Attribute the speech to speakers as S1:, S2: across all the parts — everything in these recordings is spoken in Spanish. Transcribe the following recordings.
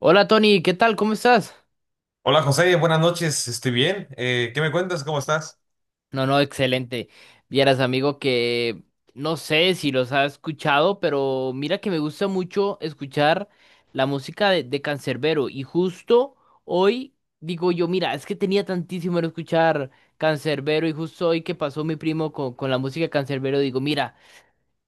S1: Hola Tony, ¿qué tal? ¿Cómo estás?
S2: Hola José, buenas noches, estoy bien. ¿Qué me cuentas? ¿Cómo estás?
S1: No, no, excelente. Vieras, amigo, que no sé si los has escuchado, pero mira que me gusta mucho escuchar la música de Canserbero. Y justo hoy digo yo, mira, es que tenía tantísimo en escuchar Canserbero y justo hoy que pasó mi primo con la música de Canserbero, digo, mira,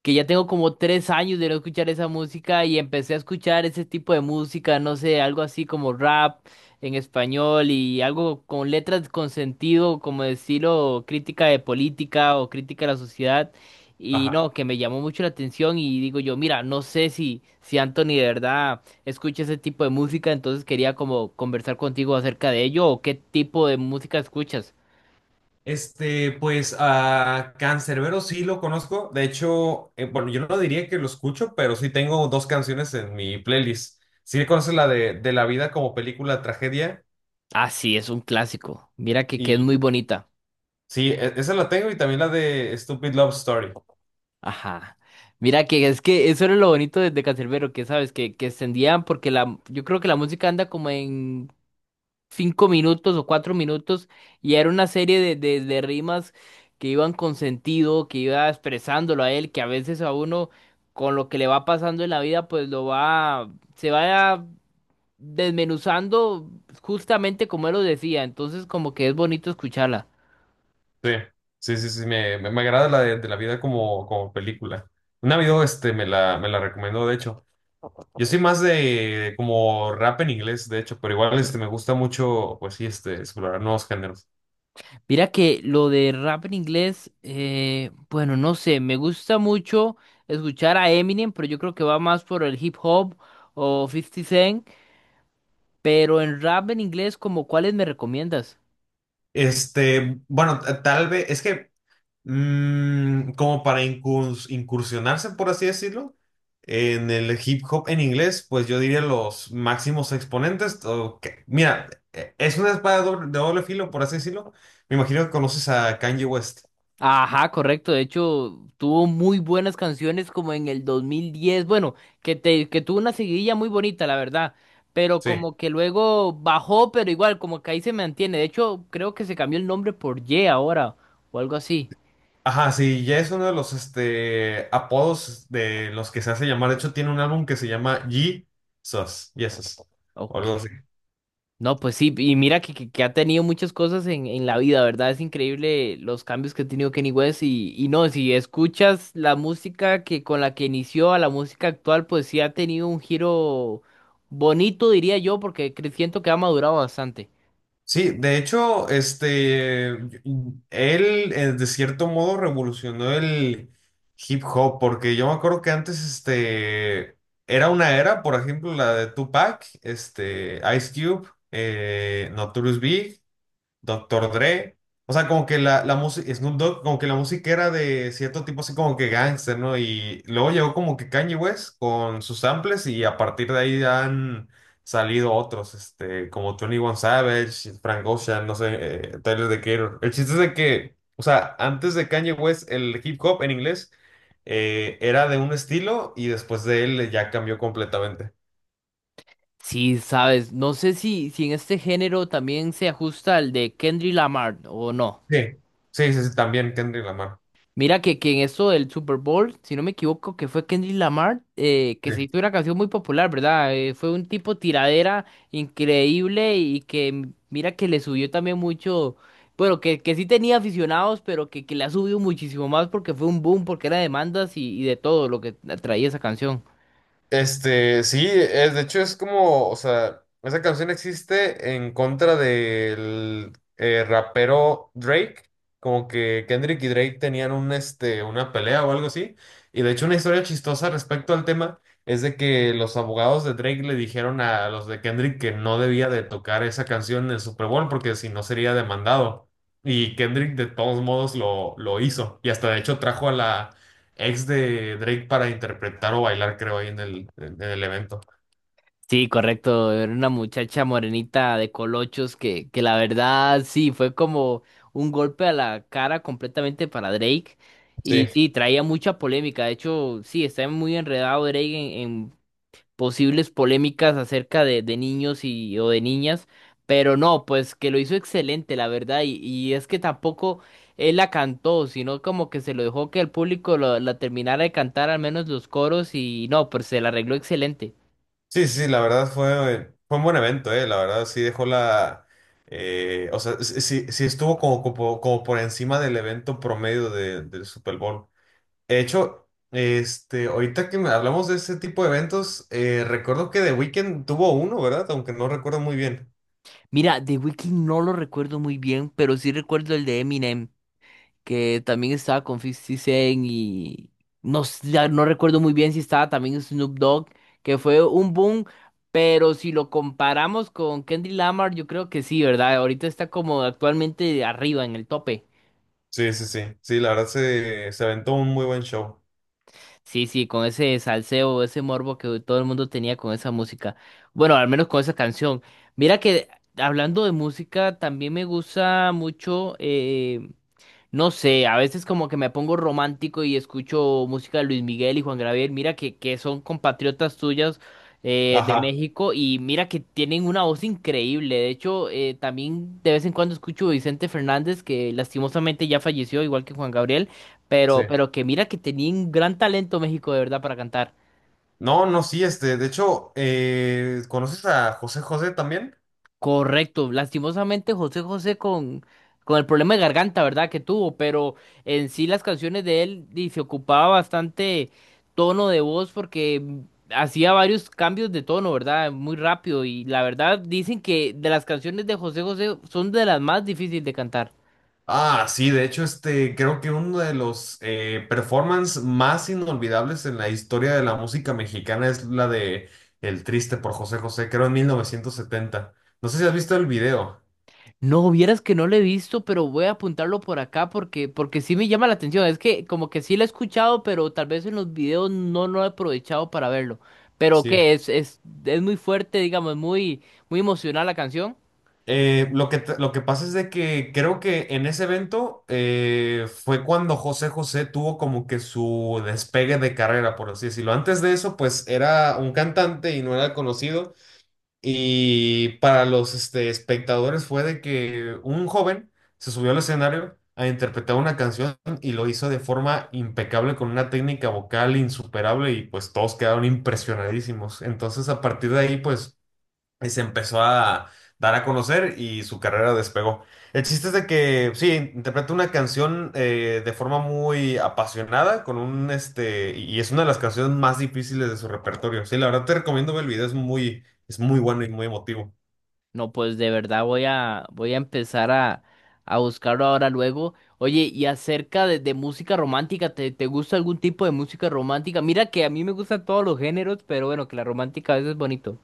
S1: que ya tengo como 3 años de no escuchar esa música y empecé a escuchar ese tipo de música, no sé, algo así como rap en español y algo con letras con sentido, como decirlo, crítica de política o crítica de la sociedad. Y
S2: Ajá.
S1: no, que me llamó mucho la atención y digo yo, mira, no sé si Anthony de verdad escucha ese tipo de música, entonces quería como conversar contigo acerca de ello o qué tipo de música escuchas.
S2: Pues a Canserbero sí lo conozco. De hecho, bueno, yo no diría que lo escucho, pero sí tengo dos canciones en mi playlist. ¿Sí conoces la de La vida como película tragedia?
S1: Ah, sí, es un clásico. Mira que es muy
S2: Y
S1: bonita.
S2: sí, esa la tengo y también la de Stupid Love Story.
S1: Ajá. Mira que es que eso era lo bonito de Canserbero, que sabes, que extendían, porque yo creo que la música anda como en 5 minutos o 4 minutos, y era una serie de rimas que iban con sentido, que iba expresándolo a él, que a veces a uno con lo que le va pasando en la vida, pues se va desmenuzando justamente como él lo decía, entonces como que es bonito escucharla.
S2: Sí, sí, sí, sí, me agrada la de La vida como película. Un amigo me la recomendó, de hecho. Yo soy más de como rap en inglés, de hecho, pero igual me gusta mucho, pues sí, explorar nuevos géneros.
S1: Mira que lo de rap en inglés, bueno, no sé, me gusta mucho escuchar a Eminem, pero yo creo que va más por el hip hop o Fifty Cent, pero en rap en inglés, como cuáles me recomiendas?
S2: Bueno, tal vez, es que como para incursionarse, por así decirlo, en el hip hop en inglés, pues yo diría los máximos exponentes. Mira, es una espada de doble filo, por así decirlo. Me imagino que conoces a Kanye West.
S1: Ajá, correcto, de hecho tuvo muy buenas canciones como en el 2010, bueno, que tuvo una seguidilla muy bonita, la verdad, pero
S2: Sí.
S1: como que luego bajó, pero igual, como que ahí se mantiene, de hecho creo que se cambió el nombre por Ye ahora, o algo así.
S2: Ajá, sí, ya es uno de los apodos de los que se hace llamar. De hecho, tiene un álbum que se llama Jesus, o
S1: Ok.
S2: algo así.
S1: No, pues sí, y mira que ha tenido muchas cosas en la vida, ¿verdad? Es increíble los cambios que ha tenido Kenny West y no, si escuchas la música que con la que inició a la música actual, pues sí ha tenido un giro bonito, diría yo, porque siento que ha madurado bastante.
S2: Sí, de hecho, él de cierto modo revolucionó el hip hop, porque yo me acuerdo que antes, era una era, por ejemplo, la de Tupac, Ice Cube, Notorious Doctor Dre. O sea, como que la música, Snoop Dogg, como que la música era de cierto tipo así como que gangster, ¿no? Y luego llegó como que Kanye West con sus samples y a partir de ahí han salido otros, como 21 Savage, Frank Ocean, no sé, Tyler The Creator. El chiste es de que, o sea, antes de Kanye West, el hip hop en inglés era de un estilo y después de él ya cambió completamente.
S1: Sí, sabes, no sé si en este género también se ajusta al de Kendrick Lamar o no.
S2: Sí, sí, sí, sí, también Kendrick Lamar.
S1: Mira que en esto del Super Bowl, si no me equivoco, que fue Kendrick Lamar, que
S2: Sí.
S1: se hizo una canción muy popular, ¿verdad? Fue un tipo tiradera increíble y que mira que le subió también mucho, bueno, que sí tenía aficionados, pero que le ha subido muchísimo más porque fue un boom, porque era demandas y de todo lo que traía esa canción.
S2: Sí, es, de hecho es como, o sea, esa canción existe en contra del rapero Drake, como que Kendrick y Drake tenían una pelea o algo así, y de hecho una historia chistosa respecto al tema es de que los abogados de Drake le dijeron a los de Kendrick que no debía de tocar esa canción en el Super Bowl porque si no sería demandado, y Kendrick de todos modos lo hizo, y hasta de hecho trajo a la ex de Drake para interpretar o bailar, creo, ahí en el evento.
S1: Sí, correcto. Era una muchacha morenita de colochos que la verdad sí fue como un golpe a la cara completamente para Drake.
S2: Sí,
S1: Y sí, traía mucha polémica. De hecho, sí, está muy enredado Drake en posibles polémicas acerca de niños o de niñas. Pero no, pues que lo hizo excelente, la verdad. Y es que tampoco él la cantó, sino como que se lo dejó que el público la terminara de cantar, al menos los coros. Y no, pues se la arregló excelente.
S2: sí, sí, la verdad fue un buen evento, la verdad sí dejó la. O sea, sí, sí estuvo como por encima del evento promedio del Super Bowl. De hecho, ahorita que hablamos de ese tipo de eventos, recuerdo que The Weeknd tuvo uno, ¿verdad? Aunque no recuerdo muy bien.
S1: Mira, The Weeknd no lo recuerdo muy bien, pero sí recuerdo el de Eminem, que también estaba con 50 Cent y no, ya no recuerdo muy bien si estaba también Snoop Dogg, que fue un boom, pero si lo comparamos con Kendrick Lamar, yo creo que sí, ¿verdad? Ahorita está como actualmente arriba en el tope.
S2: Sí, sí, sí, sí, la verdad se aventó un muy buen show.
S1: Sí, sí, con ese salseo, ese morbo que todo el mundo tenía con esa música. Bueno, al menos con esa canción. Mira que hablando de música, también me gusta mucho. No sé, a veces como que me pongo romántico y escucho música de Luis Miguel y Juan Gabriel. Mira que son compatriotas tuyas, de
S2: Ajá.
S1: México, y mira que tienen una voz increíble. De hecho, también de vez en cuando escucho a Vicente Fernández, que lastimosamente ya falleció, igual que Juan Gabriel,
S2: Sí.
S1: pero que mira que tenía un gran talento México de verdad para cantar.
S2: No, no, sí, de hecho, ¿conoces a José José también?
S1: Correcto, lastimosamente José José con el problema de garganta, ¿verdad? Que tuvo, pero en sí las canciones de él y se ocupaba bastante tono de voz porque hacía varios cambios de tono, ¿verdad? Muy rápido y la verdad dicen que de las canciones de José José son de las más difíciles de cantar.
S2: Ah, sí, de hecho, creo que uno de los performance más inolvidables en la historia de la música mexicana es la de El Triste por José José, creo en 1970. No sé si has visto el video.
S1: No, vieras que no lo he visto, pero voy a apuntarlo por acá porque, sí me llama la atención. Es que como que sí lo he escuchado, pero tal vez en los videos no, no he aprovechado para verlo. Pero
S2: Sí.
S1: que es muy fuerte, digamos, muy, muy emocional la canción.
S2: Lo que pasa es de que creo que en ese evento fue cuando José José tuvo como que su despegue de carrera, por así decirlo. Antes de eso, pues era un cantante y no era conocido. Y para los espectadores fue de que un joven se subió al escenario a interpretar una canción y lo hizo de forma impecable con una técnica vocal insuperable y pues todos quedaron impresionadísimos. Entonces a partir de ahí pues y se empezó a dar a conocer y su carrera despegó. El chiste es de que, sí, interpreta una canción de forma muy apasionada, con un, este, y es una de las canciones más difíciles de su repertorio. Sí, la verdad te recomiendo ver el video, es muy bueno y muy emotivo.
S1: No, pues de verdad voy a empezar a buscarlo ahora luego. Oye, y acerca de música romántica, ¿te gusta algún tipo de música romántica? Mira que a mí me gustan todos los géneros, pero bueno, que la romántica a veces es bonito.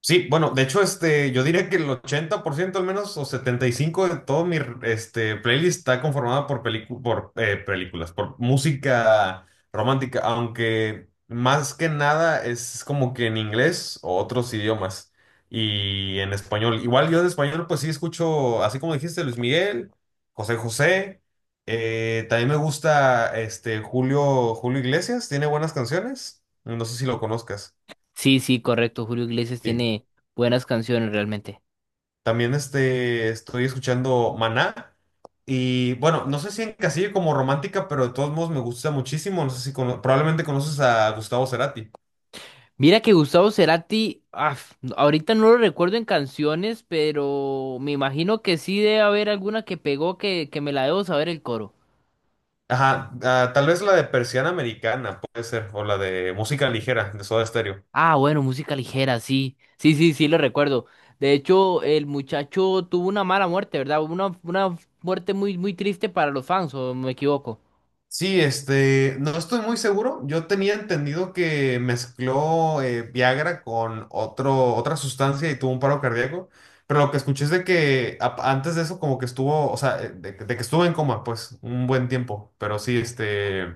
S2: Sí, bueno, de hecho, yo diría que el 80% al menos, o 75% de todo mi playlist está conformada por películas, por música romántica, aunque más que nada es como que en inglés o otros idiomas y en español. Igual yo de español, pues sí escucho, así como dijiste, Luis Miguel, José José, también me gusta Julio Iglesias, tiene buenas canciones, no sé si lo conozcas.
S1: Sí, sí, correcto. Julio Iglesias tiene buenas canciones realmente.
S2: También estoy escuchando Maná. Y bueno, no sé si encasillo como romántica, pero de todos modos me gusta muchísimo. No sé si probablemente conoces a Gustavo Cerati.
S1: Mira que Gustavo Cerati, ahorita no lo recuerdo en canciones, pero me imagino que sí debe haber alguna que pegó que me la debo saber el coro.
S2: Ajá, ah, tal vez la de Persiana Americana, puede ser, o la de música ligera, de Soda Stereo.
S1: Ah, bueno, música ligera, sí. Sí, sí, sí, lo recuerdo. De hecho, el muchacho tuvo una mala muerte, ¿verdad? Una muerte muy, muy triste para los fans, ¿o me equivoco?
S2: Sí, no estoy muy seguro. Yo tenía entendido que mezcló Viagra con otra sustancia y tuvo un paro cardíaco, pero lo que escuché es de que antes de eso como que estuvo, o sea, de que estuvo en coma, pues, un buen tiempo, pero sí,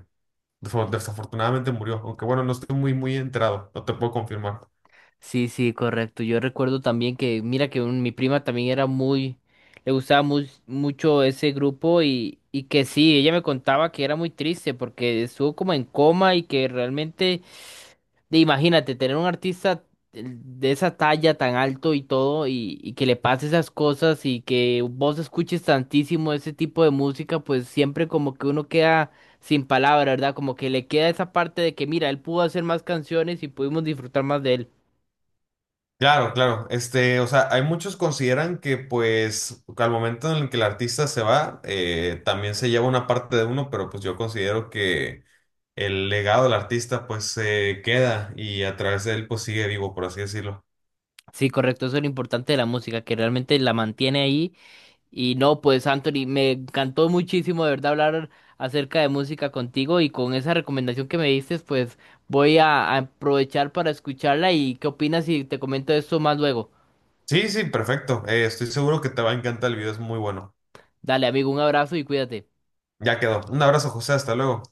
S2: desafortunadamente murió, aunque bueno, no estoy muy, muy enterado, no te puedo confirmar.
S1: Sí, sí, correcto. Yo recuerdo también que, mira, que mi prima también era le gustaba mucho ese grupo, y que sí, ella me contaba que era muy triste porque estuvo como en coma y que realmente, imagínate, tener un artista de esa talla tan alto y todo, y que le pase esas cosas, y que vos escuches tantísimo ese tipo de música, pues siempre como que uno queda sin palabra, ¿verdad? Como que le queda esa parte de que, mira, él pudo hacer más canciones y pudimos disfrutar más de él.
S2: Claro, claro. O sea, hay muchos consideran que pues al momento en el que el artista se va, también se lleva una parte de uno, pero pues yo considero que el legado del artista pues se queda y a través de él pues sigue vivo, por así decirlo.
S1: Sí, correcto, eso es lo importante de la música, que realmente la mantiene ahí. Y no, pues Anthony, me encantó muchísimo de verdad hablar acerca de música contigo, y con esa recomendación que me diste, pues voy a aprovechar para escucharla y qué opinas si te comento esto más luego.
S2: Sí, sí, perfecto. Estoy seguro que te va a encantar el video, es muy bueno.
S1: Dale, amigo, un abrazo y cuídate.
S2: Ya quedó. Un abrazo, José, hasta luego.